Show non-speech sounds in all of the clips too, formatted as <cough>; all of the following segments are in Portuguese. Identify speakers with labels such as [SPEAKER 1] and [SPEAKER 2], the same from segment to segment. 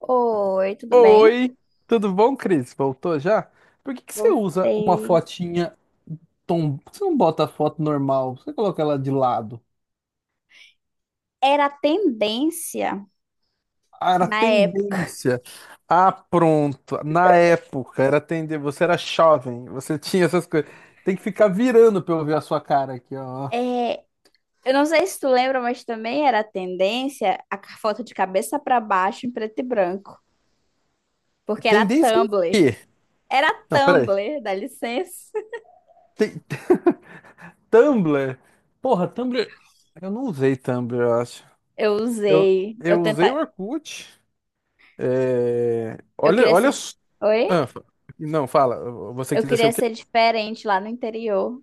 [SPEAKER 1] Oi, tudo bem?
[SPEAKER 2] Oi, tudo bom, Cris? Voltou já? Por que que você usa uma
[SPEAKER 1] Voltei.
[SPEAKER 2] fotinha Por que você não bota a foto normal, você coloca ela de lado.
[SPEAKER 1] Era a tendência
[SPEAKER 2] Ah, era
[SPEAKER 1] na época.
[SPEAKER 2] tendência. Ah, pronto. Na época era tendência. Você era jovem, você <laughs> tinha essas coisas. Tem que ficar virando pra eu ver a sua cara aqui, ó.
[SPEAKER 1] É, eu não sei se tu lembra, mas também era a tendência foto de cabeça pra baixo em preto e branco, porque era
[SPEAKER 2] Tendência em
[SPEAKER 1] Tumblr.
[SPEAKER 2] quê?
[SPEAKER 1] Era
[SPEAKER 2] Não, peraí.
[SPEAKER 1] Tumblr, dá licença.
[SPEAKER 2] Tem... Tumblr? Porra, Tumblr. Eu não usei Tumblr, eu acho.
[SPEAKER 1] Eu
[SPEAKER 2] Eu,
[SPEAKER 1] usei, eu
[SPEAKER 2] eu usei o
[SPEAKER 1] tenta,
[SPEAKER 2] Orkut. É,
[SPEAKER 1] eu
[SPEAKER 2] olha,
[SPEAKER 1] queria
[SPEAKER 2] olha.
[SPEAKER 1] ser, oi?
[SPEAKER 2] Ah, fa- não, fala. Você
[SPEAKER 1] Eu
[SPEAKER 2] quis ser
[SPEAKER 1] queria
[SPEAKER 2] o quê?
[SPEAKER 1] ser diferente lá no interior.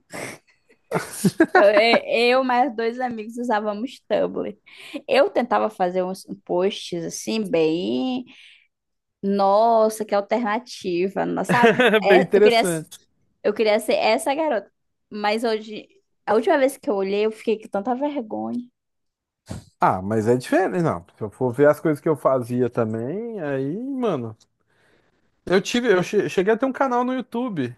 [SPEAKER 2] <laughs>
[SPEAKER 1] Eu mais dois amigos usávamos Tumblr. Eu tentava fazer uns posts assim bem. Nossa, que alternativa, não sabe?
[SPEAKER 2] Bem
[SPEAKER 1] É,
[SPEAKER 2] interessante.
[SPEAKER 1] eu queria ser essa garota. Mas hoje, a última vez que eu olhei, eu fiquei com tanta vergonha.
[SPEAKER 2] Ah, mas é diferente, não. Se eu for ver as coisas que eu fazia também, aí, mano. Eu tive, eu che- Cheguei a ter um canal no YouTube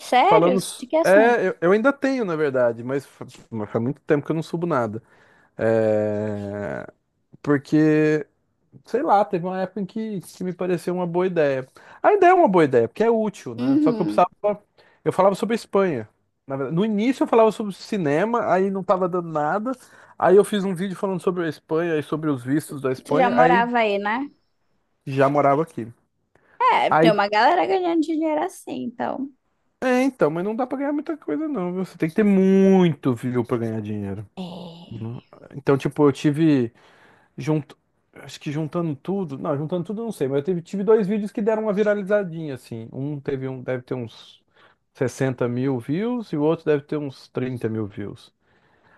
[SPEAKER 1] Sério?
[SPEAKER 2] falando.
[SPEAKER 1] De que
[SPEAKER 2] É,
[SPEAKER 1] assunto?
[SPEAKER 2] eu ainda tenho, na verdade, mas faz muito tempo que eu não subo nada. É, porque sei lá, teve uma época em que me pareceu uma boa ideia. A ideia é uma boa ideia, porque é útil, né? Só que eu precisava.
[SPEAKER 1] Uhum.
[SPEAKER 2] Eu falava sobre a Espanha. Na verdade, no início eu falava sobre cinema, aí não tava dando nada. Aí eu fiz um vídeo falando sobre a Espanha e sobre os vistos da
[SPEAKER 1] Tu já
[SPEAKER 2] Espanha, aí
[SPEAKER 1] morava aí, né?
[SPEAKER 2] já morava aqui.
[SPEAKER 1] É, tem
[SPEAKER 2] Aí,
[SPEAKER 1] uma galera ganhando dinheiro assim, então.
[SPEAKER 2] é, então, mas não dá pra ganhar muita coisa, não, viu? Você tem que ter muito view pra ganhar dinheiro.
[SPEAKER 1] É.
[SPEAKER 2] Não- Então, tipo, eu tive. Junt... Acho que juntando tudo. Não, juntando tudo eu não sei, mas eu tive dois vídeos que deram uma viralizadinha, assim. Deve ter uns 60.000 views e o outro deve ter uns 30.000 views.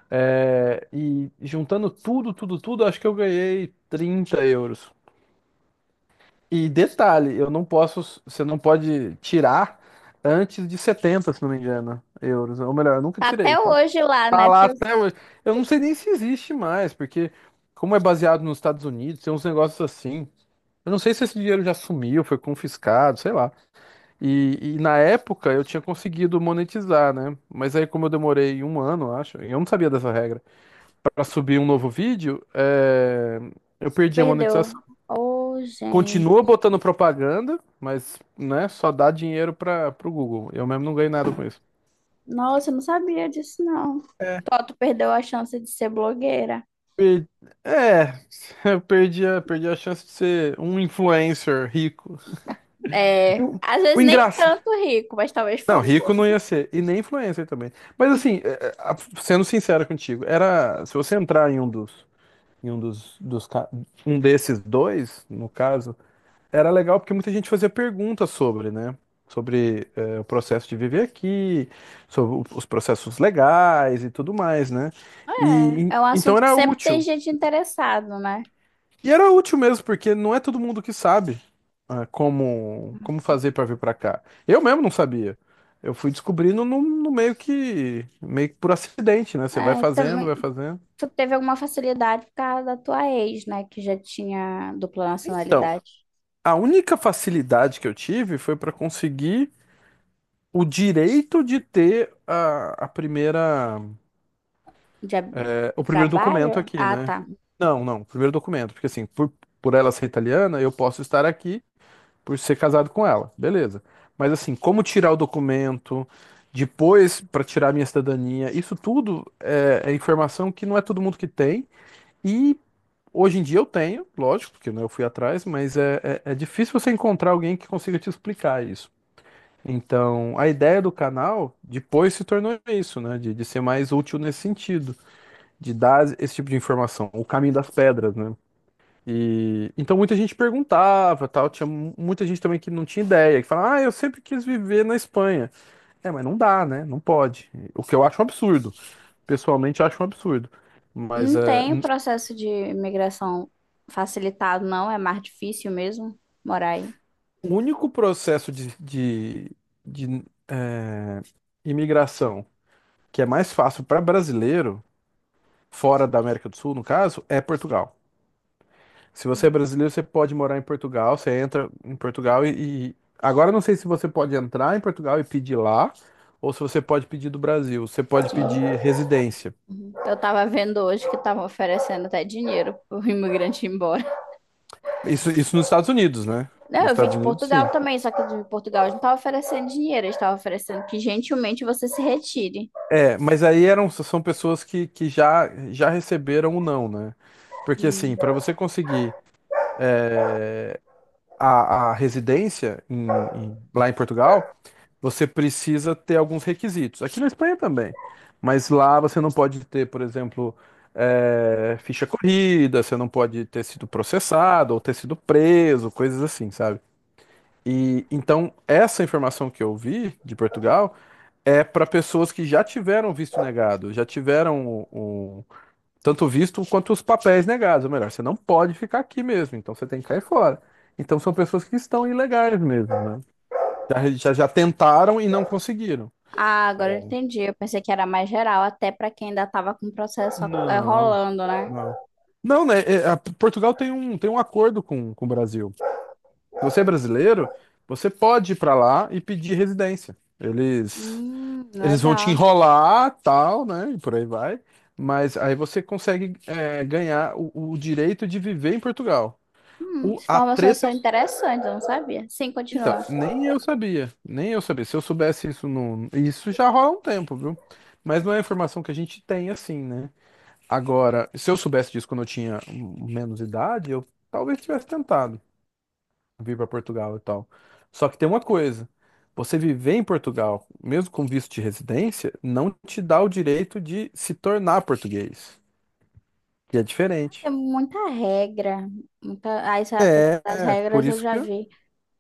[SPEAKER 2] É, e juntando tudo, tudo, tudo, acho que eu ganhei €30. E detalhe, eu não posso, você não pode tirar antes de 70 se não me engano, euros. Ou melhor, eu nunca
[SPEAKER 1] Tá. Até
[SPEAKER 2] tirei, tá,
[SPEAKER 1] hoje lá,
[SPEAKER 2] tá
[SPEAKER 1] né?
[SPEAKER 2] lá
[SPEAKER 1] Tu,
[SPEAKER 2] até hoje. Eu não sei nem se existe mais, porque como é baseado nos Estados Unidos, tem uns negócios assim. Eu não sei se esse dinheiro já sumiu, foi confiscado, sei lá. E na época eu tinha conseguido monetizar, né? Mas aí, como eu demorei um ano, acho, eu não sabia dessa regra, pra subir um novo vídeo, é, eu
[SPEAKER 1] tu
[SPEAKER 2] perdi a
[SPEAKER 1] perdeu.
[SPEAKER 2] monetização.
[SPEAKER 1] Ô, gente.
[SPEAKER 2] Continua botando propaganda, mas, né, só dá dinheiro para pro Google. Eu mesmo não ganhei nada com isso.
[SPEAKER 1] Nossa, eu não sabia disso, não. Tó, tu perdeu a chance de ser blogueira.
[SPEAKER 2] Per- É, <laughs> eu perdi a chance de ser um influencer rico. E
[SPEAKER 1] É,
[SPEAKER 2] O,
[SPEAKER 1] às
[SPEAKER 2] o
[SPEAKER 1] vezes nem
[SPEAKER 2] engraçado.
[SPEAKER 1] tanto rico, mas talvez
[SPEAKER 2] Não, rico não
[SPEAKER 1] famoso.
[SPEAKER 2] ia ser. E nem influencer também. Mas assim, sendo sincero contigo, era. Se você entrar em um dos, dos ca- um desses dois, no caso, era legal porque muita gente fazia perguntas sobre, né? Sobre o processo de viver aqui, sobre os processos legais e tudo mais, né? E
[SPEAKER 1] É, é um
[SPEAKER 2] então
[SPEAKER 1] assunto que
[SPEAKER 2] era
[SPEAKER 1] sempre tem
[SPEAKER 2] útil.
[SPEAKER 1] gente interessado, né?
[SPEAKER 2] E era útil mesmo, porque não é todo mundo que sabe ah, como, como fazer para vir para cá. Eu mesmo não sabia. Eu fui descobrindo no, no meio que por acidente, né? Você vai
[SPEAKER 1] É,
[SPEAKER 2] fazendo,
[SPEAKER 1] também,
[SPEAKER 2] vai fazendo.
[SPEAKER 1] tu teve alguma facilidade por causa da tua ex, né? Que já tinha dupla
[SPEAKER 2] Então,
[SPEAKER 1] nacionalidade.
[SPEAKER 2] a única facilidade que eu tive foi para conseguir o direito de ter a primeira,
[SPEAKER 1] de ab-
[SPEAKER 2] o primeiro documento
[SPEAKER 1] trabalho?
[SPEAKER 2] aqui,
[SPEAKER 1] Ah,
[SPEAKER 2] né?
[SPEAKER 1] tá.
[SPEAKER 2] Não, não, o primeiro documento, porque assim, por ela ser italiana, eu posso estar aqui por ser casado com ela, beleza. Mas assim, como tirar o documento, depois para tirar a minha cidadania, isso tudo é informação que não é todo mundo que tem. E hoje em dia eu tenho, lógico, porque né, eu fui atrás, mas é difícil você encontrar alguém que consiga te explicar isso. Então, a ideia do canal depois se tornou isso, né? De ser mais útil nesse sentido, de dar esse tipo de informação, o caminho das pedras, né? E então muita gente perguntava, tal, tinha muita gente também que não tinha ideia, que falava: "Ah, eu sempre quis viver na Espanha". É, mas não dá, né? Não pode. O que eu acho um absurdo. Pessoalmente eu acho um absurdo. Mas
[SPEAKER 1] Não
[SPEAKER 2] é,
[SPEAKER 1] tem o
[SPEAKER 2] n-
[SPEAKER 1] processo de imigração facilitado, não. É mais difícil mesmo morar aí.
[SPEAKER 2] o único processo de, é, imigração que é mais fácil para brasileiro, fora da América do Sul, no caso, é Portugal. Se você é brasileiro, você pode morar em Portugal, você entra em Portugal agora eu não sei se você pode entrar em Portugal e pedir lá, ou se você pode pedir do Brasil. Você pode pedir
[SPEAKER 1] Gente.
[SPEAKER 2] residência.
[SPEAKER 1] Uhum. Eu tava vendo hoje que estavam oferecendo até dinheiro pro <laughs> imigrante ir embora.
[SPEAKER 2] Isso nos Estados Unidos, né?
[SPEAKER 1] Não,
[SPEAKER 2] Nos
[SPEAKER 1] eu vim
[SPEAKER 2] Estados
[SPEAKER 1] de
[SPEAKER 2] Unidos,
[SPEAKER 1] Portugal
[SPEAKER 2] sim.
[SPEAKER 1] também, só que de Portugal eles não estavam oferecendo dinheiro, eles estavam oferecendo que gentilmente você se retire.
[SPEAKER 2] É, mas aí são pessoas que já receberam o não, né? Porque
[SPEAKER 1] Hum.
[SPEAKER 2] assim, para você conseguir a residência lá em Portugal, você precisa ter alguns requisitos. Aqui na Espanha também. Mas lá você não pode ter, por exemplo, ficha corrida, você não pode ter sido processado ou ter sido preso, coisas assim, sabe? E então essa informação que eu vi de Portugal é para pessoas que já tiveram visto negado, já tiveram tanto o visto quanto os papéis negados. Ou melhor, você não pode ficar aqui mesmo, então você tem que cair fora. Então são pessoas que estão ilegais mesmo, né? Já tentaram e não conseguiram.
[SPEAKER 1] Ah, agora eu entendi. Eu pensei que era mais geral, até para quem ainda estava com o processo
[SPEAKER 2] Não,
[SPEAKER 1] rolando, né?
[SPEAKER 2] não. Não, né? Portugal tem um acordo com o Brasil. Se você é brasileiro, você pode ir pra lá e pedir residência. Eles, eles vão te
[SPEAKER 1] Legal.
[SPEAKER 2] enrolar, tal, né? E por aí vai. Mas aí você consegue ganhar o direito de viver em Portugal. A
[SPEAKER 1] Informações
[SPEAKER 2] treta,
[SPEAKER 1] são interessantes, eu não sabia. Sim,
[SPEAKER 2] então,
[SPEAKER 1] continua.
[SPEAKER 2] nem eu sabia. Nem eu sabia. Se eu soubesse isso, não, isso já rola um tempo, viu? Mas não é informação que a gente tem assim, né? Agora, se eu soubesse disso quando eu tinha menos idade, eu talvez tivesse tentado vir para Portugal e tal. Só que tem uma coisa, você viver em Portugal, mesmo com visto de residência, não te dá o direito de se tornar português, que é
[SPEAKER 1] Tem
[SPEAKER 2] diferente.
[SPEAKER 1] muita regra. Muita... Ah, essa questão
[SPEAKER 2] É,
[SPEAKER 1] das
[SPEAKER 2] é, por
[SPEAKER 1] regras eu
[SPEAKER 2] isso
[SPEAKER 1] já
[SPEAKER 2] que.
[SPEAKER 1] vi.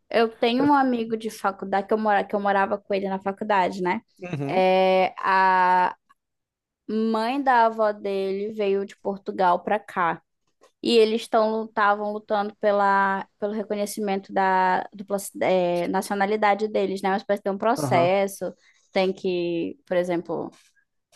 [SPEAKER 1] Eu tenho um amigo de faculdade, que eu, mora... que eu morava com ele na faculdade, né?
[SPEAKER 2] Uhum,
[SPEAKER 1] É, a mãe da avó dele veio de Portugal pra cá. E eles estão estavam lutando pela, pelo reconhecimento da dupla, nacionalidade deles, né? Uma espécie de um
[SPEAKER 2] aham.
[SPEAKER 1] processo. Tem que, por exemplo,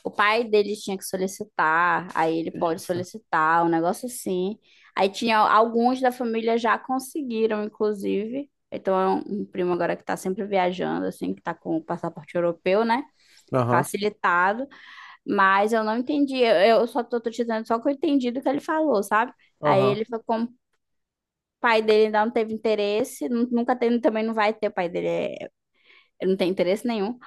[SPEAKER 1] o pai deles tinha que solicitar, aí ele pode
[SPEAKER 2] Isso.
[SPEAKER 1] solicitar, um negócio assim. Aí tinha alguns da família já conseguiram, inclusive. Então é um primo agora que está sempre viajando, assim, que está com o passaporte europeu, né?
[SPEAKER 2] Aham,
[SPEAKER 1] Facilitado. Mas eu não entendi. Eu, tô te dizendo só que eu entendi do que ele falou, sabe? Aí
[SPEAKER 2] aham,
[SPEAKER 1] ele foi com pai dele ainda não teve interesse, nunca teve, também não vai ter, o pai dele é- ele não tem interesse nenhum.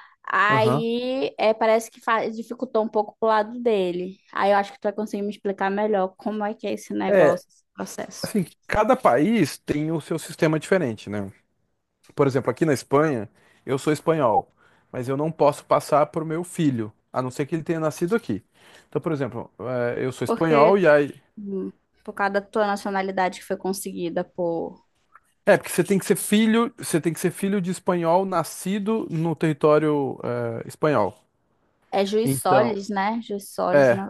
[SPEAKER 2] aham.
[SPEAKER 1] Aí é, parece que dificultou um pouco pro lado dele. Aí eu acho que tu vai conseguir me explicar melhor como é que é esse
[SPEAKER 2] É,
[SPEAKER 1] negócio, esse processo.
[SPEAKER 2] assim, cada país tem o seu sistema diferente, né? Por exemplo, aqui na Espanha, eu sou espanhol, mas eu não posso passar para o meu filho, a não ser que ele tenha nascido aqui. Então, por exemplo, eu sou espanhol
[SPEAKER 1] Porque
[SPEAKER 2] e aí.
[SPEAKER 1] hum, por causa da tua nacionalidade que foi conseguida por.
[SPEAKER 2] É, porque você tem que ser filho, você tem que ser filho de espanhol nascido no território, espanhol.
[SPEAKER 1] É juiz
[SPEAKER 2] Então,
[SPEAKER 1] Solis, né? Juiz Solis,
[SPEAKER 2] é.
[SPEAKER 1] né?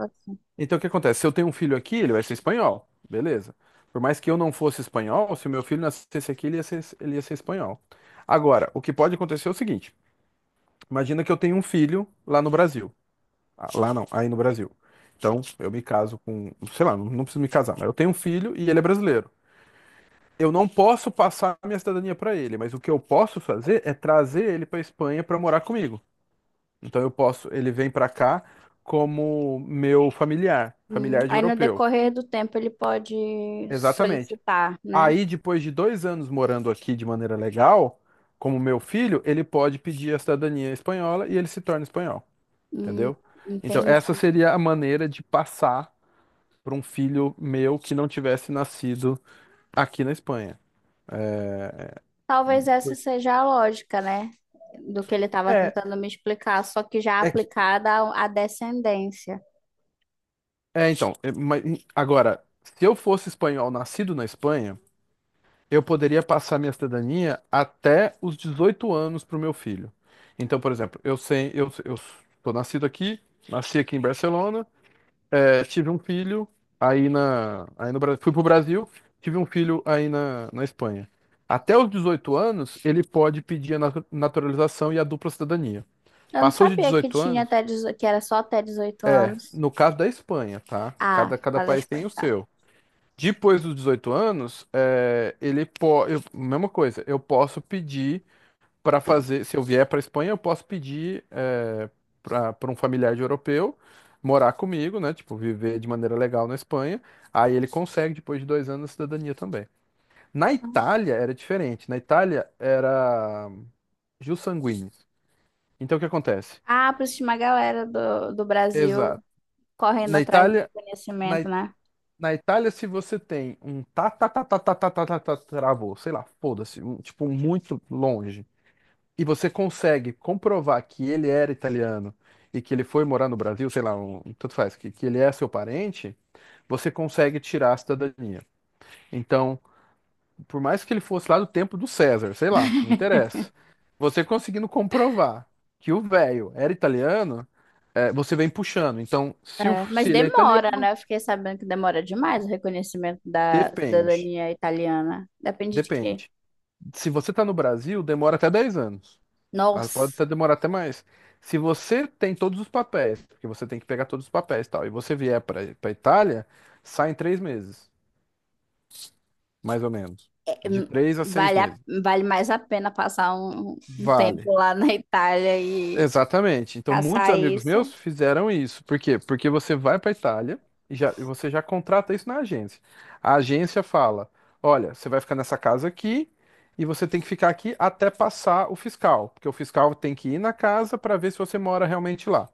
[SPEAKER 2] Então o que acontece? Se eu tenho um filho aqui, ele vai ser espanhol, beleza. Por mais que eu não fosse espanhol, se o meu filho nascesse aqui, ele ia ser espanhol. Agora, o que pode acontecer é o seguinte: imagina que eu tenho um filho lá no Brasil. Ah, lá não, aí no Brasil. Então, eu me caso com, sei lá, não, não preciso me casar, mas eu tenho um filho e ele é brasileiro. Eu não posso passar a minha cidadania para ele, mas o que eu posso fazer é trazer ele para Espanha para morar comigo. Então eu posso, ele vem para cá como meu familiar,
[SPEAKER 1] Hum.
[SPEAKER 2] familiar de
[SPEAKER 1] Aí no
[SPEAKER 2] europeu.
[SPEAKER 1] decorrer do tempo ele pode
[SPEAKER 2] Exatamente.
[SPEAKER 1] solicitar, né?
[SPEAKER 2] Aí depois de 2 anos morando aqui de maneira legal, como meu filho, ele pode pedir a cidadania espanhola e ele se torna espanhol,
[SPEAKER 1] Hum,
[SPEAKER 2] entendeu? Então essa
[SPEAKER 1] entendi.
[SPEAKER 2] seria a maneira de passar para um filho meu que não tivesse nascido aqui na Espanha.
[SPEAKER 1] Talvez essa
[SPEAKER 2] Foi.
[SPEAKER 1] seja a lógica, né? Do que ele estava
[SPEAKER 2] É,
[SPEAKER 1] tentando me explicar, só que já
[SPEAKER 2] é que.
[SPEAKER 1] aplicada à à descendência.
[SPEAKER 2] É, então, é, mas, agora, se eu fosse espanhol nascido na Espanha, eu poderia passar minha cidadania até os 18 anos para o meu filho. Então, por exemplo, eu sou nascido aqui, nasci aqui em Barcelona, tive um filho aí no Brasil, fui pro Brasil, tive um filho aí na Espanha. Até os 18 anos, ele pode pedir a naturalização e a dupla cidadania.
[SPEAKER 1] Eu não
[SPEAKER 2] Passou de
[SPEAKER 1] sabia que
[SPEAKER 2] 18
[SPEAKER 1] tinha
[SPEAKER 2] anos,
[SPEAKER 1] até 18, que era só até 18 anos.
[SPEAKER 2] no caso da Espanha, tá?
[SPEAKER 1] Ah,
[SPEAKER 2] Cada
[SPEAKER 1] fazer
[SPEAKER 2] país tem o
[SPEAKER 1] espantar.
[SPEAKER 2] seu. Depois dos 18 anos, ele pode. Mesma coisa, eu posso pedir para fazer. Se eu vier para Espanha, eu posso pedir para um familiar de europeu morar comigo, né? Tipo, viver de maneira legal na Espanha. Aí ele consegue, depois de 2 anos, a cidadania também. Na Itália era diferente. Na Itália era jus sanguinis. Então o que acontece?
[SPEAKER 1] Ah, por isso tinha uma galera do, do Brasil
[SPEAKER 2] Exato.
[SPEAKER 1] correndo
[SPEAKER 2] Na
[SPEAKER 1] atrás do
[SPEAKER 2] Itália, na
[SPEAKER 1] reconhecimento, né?
[SPEAKER 2] Na Itália, se você tem um travou, sei lá, foda-se, um, tipo, um muito longe, e você consegue comprovar que ele era italiano e que ele foi morar no Brasil, sei lá, um, tanto faz, que ele é seu parente, você consegue tirar a cidadania. Então, por mais que ele fosse lá do tempo do César, sei lá, não interessa. Você conseguindo comprovar que o velho era italiano, você vem puxando. Então, se, o,
[SPEAKER 1] É, mas
[SPEAKER 2] se ele é
[SPEAKER 1] demora,
[SPEAKER 2] italiano,
[SPEAKER 1] né? Eu fiquei sabendo que demora demais o reconhecimento da
[SPEAKER 2] depende.
[SPEAKER 1] cidadania italiana. Depende de quê?
[SPEAKER 2] Depende. Se você está no Brasil, demora até 10 anos. Ah, pode
[SPEAKER 1] Nossa!
[SPEAKER 2] até demorar até mais. Se você tem todos os papéis, porque você tem que pegar todos os papéis e tal, e você vier para Itália, sai em três meses, mais ou menos. De
[SPEAKER 1] Hum.
[SPEAKER 2] três a seis
[SPEAKER 1] Vale,
[SPEAKER 2] meses.
[SPEAKER 1] vale mais a pena passar um, um tempo
[SPEAKER 2] Vale.
[SPEAKER 1] lá na Itália e
[SPEAKER 2] Exatamente. Então, muitos
[SPEAKER 1] caçar
[SPEAKER 2] amigos
[SPEAKER 1] isso.
[SPEAKER 2] meus fizeram isso. Por quê? Porque você vai para Itália e já, e você já contrata isso na agência. A agência fala: olha, você vai ficar nessa casa aqui e você tem que ficar aqui até passar o fiscal. Porque o fiscal tem que ir na casa para ver se você mora realmente lá.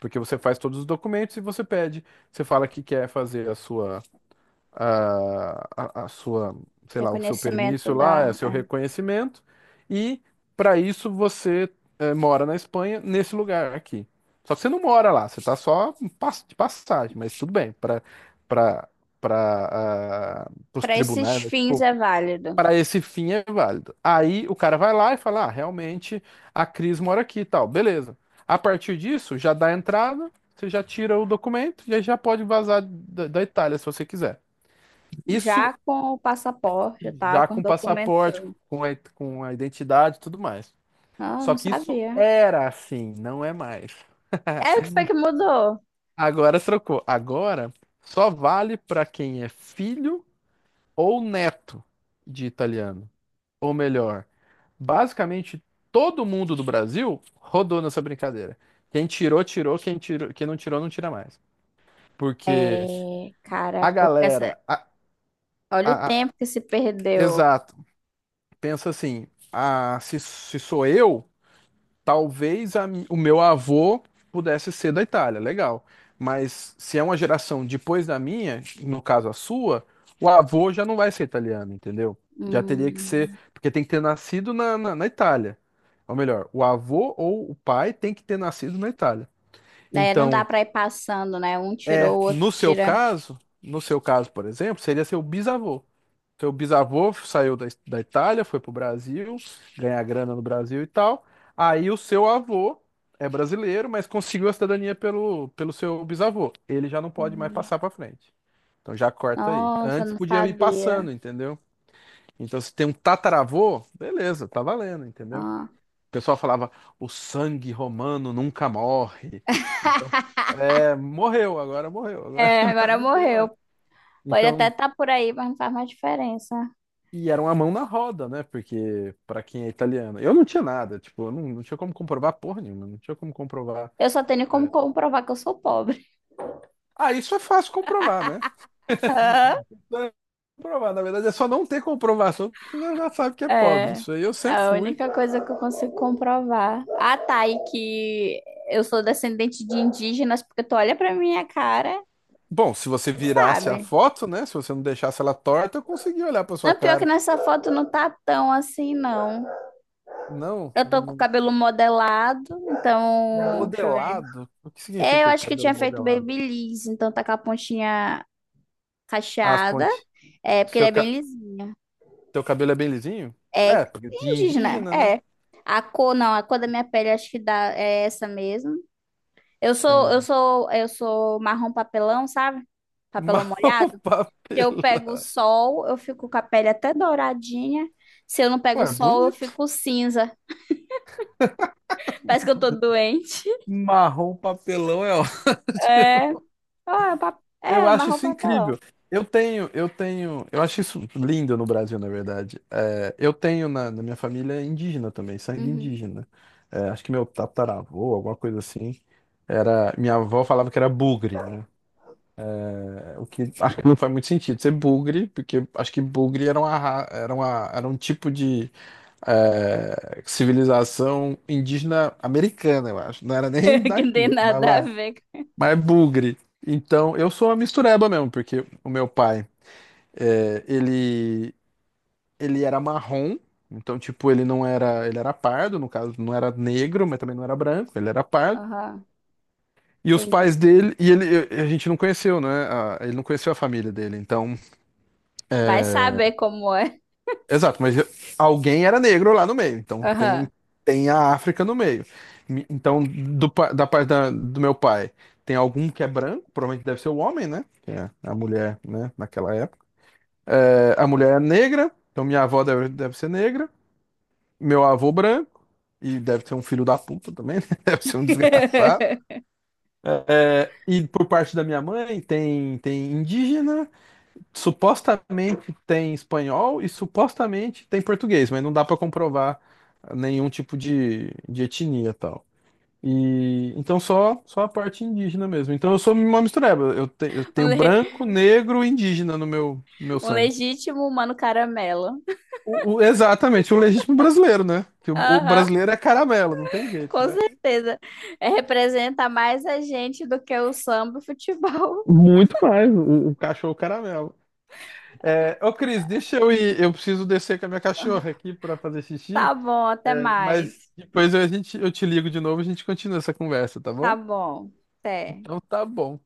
[SPEAKER 2] Porque você faz todos os documentos e você pede. Você fala que quer fazer a sua a, a, a sua, o seu
[SPEAKER 1] Reconhecimento
[SPEAKER 2] permisso
[SPEAKER 1] da.
[SPEAKER 2] lá, é seu reconhecimento, e para isso você mora na Espanha, nesse lugar aqui. Só que você não mora lá, você está só de passagem, mas tudo bem, para para para os
[SPEAKER 1] Para esses
[SPEAKER 2] tribunais, né?
[SPEAKER 1] fins
[SPEAKER 2] Tipo,
[SPEAKER 1] é válido.
[SPEAKER 2] para esse fim é válido. Aí o cara vai lá e fala, ah, realmente a Cris mora aqui e tal, beleza. A partir disso, já dá a entrada, você já tira o documento e aí já pode vazar da Itália se você quiser. Isso
[SPEAKER 1] Já com o passaporte e tal,
[SPEAKER 2] já
[SPEAKER 1] com os
[SPEAKER 2] com
[SPEAKER 1] documentos.
[SPEAKER 2] passaporte, com a identidade e tudo mais.
[SPEAKER 1] Não,
[SPEAKER 2] Só
[SPEAKER 1] não
[SPEAKER 2] que isso
[SPEAKER 1] sabia.
[SPEAKER 2] era assim, não é mais.
[SPEAKER 1] É o que foi que mudou?
[SPEAKER 2] Agora trocou. Agora só vale para quem é filho ou neto de italiano. Ou melhor, basicamente todo mundo do Brasil rodou nessa brincadeira. Quem tirou, tirou. Quem tirou, quem não tirou, não tira mais. Porque
[SPEAKER 1] É, cara,
[SPEAKER 2] a
[SPEAKER 1] porque essa...
[SPEAKER 2] galera.
[SPEAKER 1] olha o
[SPEAKER 2] A-
[SPEAKER 1] tempo que se perdeu.
[SPEAKER 2] exato. Pensa assim: ah, se sou eu. Talvez o meu avô pudesse ser da Itália, legal. Mas se é uma geração depois da minha, no caso a sua, o avô já não vai ser italiano, entendeu? Já teria que ser,
[SPEAKER 1] Hum,
[SPEAKER 2] porque tem que ter nascido na Itália. Ou melhor, o avô ou o pai tem que ter nascido na Itália.
[SPEAKER 1] é, não dá
[SPEAKER 2] Então,
[SPEAKER 1] para ir passando, né? Um tirou,
[SPEAKER 2] é,
[SPEAKER 1] o outro tira.
[SPEAKER 2] no seu caso, por exemplo, seria seu bisavô. Seu bisavô saiu da Itália, foi pro Brasil, ganhar grana no Brasil e tal. Aí o seu avô é brasileiro, mas conseguiu a cidadania pelo seu bisavô. Ele já não pode mais
[SPEAKER 1] Hum.
[SPEAKER 2] passar pra frente. Então já corta aí.
[SPEAKER 1] Nossa,
[SPEAKER 2] Antes
[SPEAKER 1] não
[SPEAKER 2] podia ir
[SPEAKER 1] sabia.
[SPEAKER 2] passando, entendeu? Então se tem um tataravô, beleza, tá valendo, entendeu?
[SPEAKER 1] Ah.
[SPEAKER 2] O pessoal falava, o sangue romano nunca morre. Então, é, morreu, agora morreu, <laughs>
[SPEAKER 1] É,
[SPEAKER 2] agora
[SPEAKER 1] agora
[SPEAKER 2] não tem mais.
[SPEAKER 1] morreu. Pode até
[SPEAKER 2] Então
[SPEAKER 1] estar por aí, mas não faz mais diferença.
[SPEAKER 2] E era uma mão na roda, né? Porque pra quem é italiano, eu não tinha nada, tipo, eu não, não tinha como comprovar porra nenhuma, não tinha como comprovar.
[SPEAKER 1] Eu só tenho como comprovar que eu sou pobre.
[SPEAKER 2] Ah, isso é fácil comprovar, né?
[SPEAKER 1] <laughs> Hã?
[SPEAKER 2] Não é comprovar, na verdade é só não ter comprovação, porque você já sabe que é pobre.
[SPEAKER 1] É,
[SPEAKER 2] Isso aí eu sempre
[SPEAKER 1] a
[SPEAKER 2] fui.
[SPEAKER 1] única coisa que eu consigo comprovar. Ah, tá, e que eu sou descendente de indígenas, porque tu olha pra minha cara,
[SPEAKER 2] Bom, se você virasse a
[SPEAKER 1] sabe?
[SPEAKER 2] foto, né? Se você não deixasse ela torta, eu conseguia olhar pra sua
[SPEAKER 1] Não, pior que
[SPEAKER 2] cara.
[SPEAKER 1] nessa foto não tá tão assim, não.
[SPEAKER 2] Não,
[SPEAKER 1] Eu tô com o
[SPEAKER 2] não-
[SPEAKER 1] cabelo modelado, então. Deixa eu ver.
[SPEAKER 2] modelado. O que
[SPEAKER 1] É, eu
[SPEAKER 2] significa
[SPEAKER 1] acho que eu
[SPEAKER 2] cabelo
[SPEAKER 1] tinha feito
[SPEAKER 2] modelado?
[SPEAKER 1] babyliss, então tá com a pontinha
[SPEAKER 2] Ah, as
[SPEAKER 1] cacheada.
[SPEAKER 2] pontes.
[SPEAKER 1] É, porque ele
[SPEAKER 2] Seu,
[SPEAKER 1] é
[SPEAKER 2] ca-
[SPEAKER 1] bem lisinho.
[SPEAKER 2] seu cabelo é bem lisinho?
[SPEAKER 1] É
[SPEAKER 2] É, porque de
[SPEAKER 1] indígena,
[SPEAKER 2] indígena, né?
[SPEAKER 1] é. A cor, não, a cor da minha pele acho que dá, é essa mesmo.
[SPEAKER 2] É,
[SPEAKER 1] Eu sou marrom papelão, sabe? Papelão
[SPEAKER 2] marrom
[SPEAKER 1] molhado.
[SPEAKER 2] <laughs>
[SPEAKER 1] Se eu pego
[SPEAKER 2] papelão.
[SPEAKER 1] o sol, eu fico com a pele até douradinha. Se eu não pego o
[SPEAKER 2] Ué,
[SPEAKER 1] sol, eu
[SPEAKER 2] bonito.
[SPEAKER 1] fico cinza. <laughs> Parece que eu tô doente.
[SPEAKER 2] Marrom papelão é <laughs>
[SPEAKER 1] É,
[SPEAKER 2] ótimo.
[SPEAKER 1] ah, é,
[SPEAKER 2] Eu
[SPEAKER 1] é,
[SPEAKER 2] acho
[SPEAKER 1] marrom
[SPEAKER 2] isso incrível.
[SPEAKER 1] papelão.
[SPEAKER 2] Eu acho isso lindo no Brasil, na verdade. É, eu tenho na minha família indígena também, sangue
[SPEAKER 1] Uhum.
[SPEAKER 2] indígena. É, acho que meu tataravô, alguma coisa assim, era, minha avó falava que era bugre, né? É, o que acho que não faz muito sentido ser bugre, porque acho que bugre era uma, ra- era uma, era um tipo de civilização indígena americana, eu acho. Não era
[SPEAKER 1] <laughs>
[SPEAKER 2] nem
[SPEAKER 1] Que não tem
[SPEAKER 2] daqui, mas
[SPEAKER 1] nada a
[SPEAKER 2] lá.
[SPEAKER 1] ver.
[SPEAKER 2] Mas é bugre. Então, eu sou uma mistureba mesmo, porque o meu pai, eh, ele, ele era marrom, então, tipo, ele era pardo, no caso, não era negro, mas também não era branco, ele era pardo.
[SPEAKER 1] Aham,
[SPEAKER 2] E os
[SPEAKER 1] entendi.
[SPEAKER 2] pais dele, e ele, a gente não conheceu, né? Ele não conheceu a família dele, então.
[SPEAKER 1] Vai saber como é.
[SPEAKER 2] Exato, mas alguém era negro lá no meio, então
[SPEAKER 1] Aham.
[SPEAKER 2] tem, tem a África no meio. Então, da parte do meu pai, tem algum que é branco, provavelmente deve ser o homem, né? Que é a mulher, né? Naquela época. É, a mulher é negra, então minha avó deve, deve ser negra, meu avô branco, e deve ser um filho da puta também, né? <laughs> Deve ser um desgraçado.
[SPEAKER 1] <laughs>
[SPEAKER 2] É, e por parte da minha mãe, tem, tem indígena, supostamente tem espanhol e supostamente tem português, mas não dá para comprovar nenhum tipo de etnia tal. E então só a parte indígena mesmo. Então eu sou uma mistureba. Eu tenho branco, negro e indígena no meu
[SPEAKER 1] Um
[SPEAKER 2] sangue.
[SPEAKER 1] legítimo mano caramelo.
[SPEAKER 2] Exatamente, o legítimo brasileiro, né? Que o
[SPEAKER 1] Aham,
[SPEAKER 2] brasileiro é caramelo, não tem jeito,
[SPEAKER 1] com
[SPEAKER 2] né?
[SPEAKER 1] certeza. É, representa mais a gente do que o samba e o futebol. <laughs>
[SPEAKER 2] Muito mais, o cachorro caramelo. É, ô Cris, deixa eu ir. Eu preciso descer com a minha cachorra aqui para fazer xixi.
[SPEAKER 1] Tá bom, até
[SPEAKER 2] É, mas
[SPEAKER 1] mais.
[SPEAKER 2] a gente, eu te ligo de novo e a gente continua essa conversa, tá
[SPEAKER 1] Tá
[SPEAKER 2] bom?
[SPEAKER 1] bom, até.
[SPEAKER 2] Então tá bom.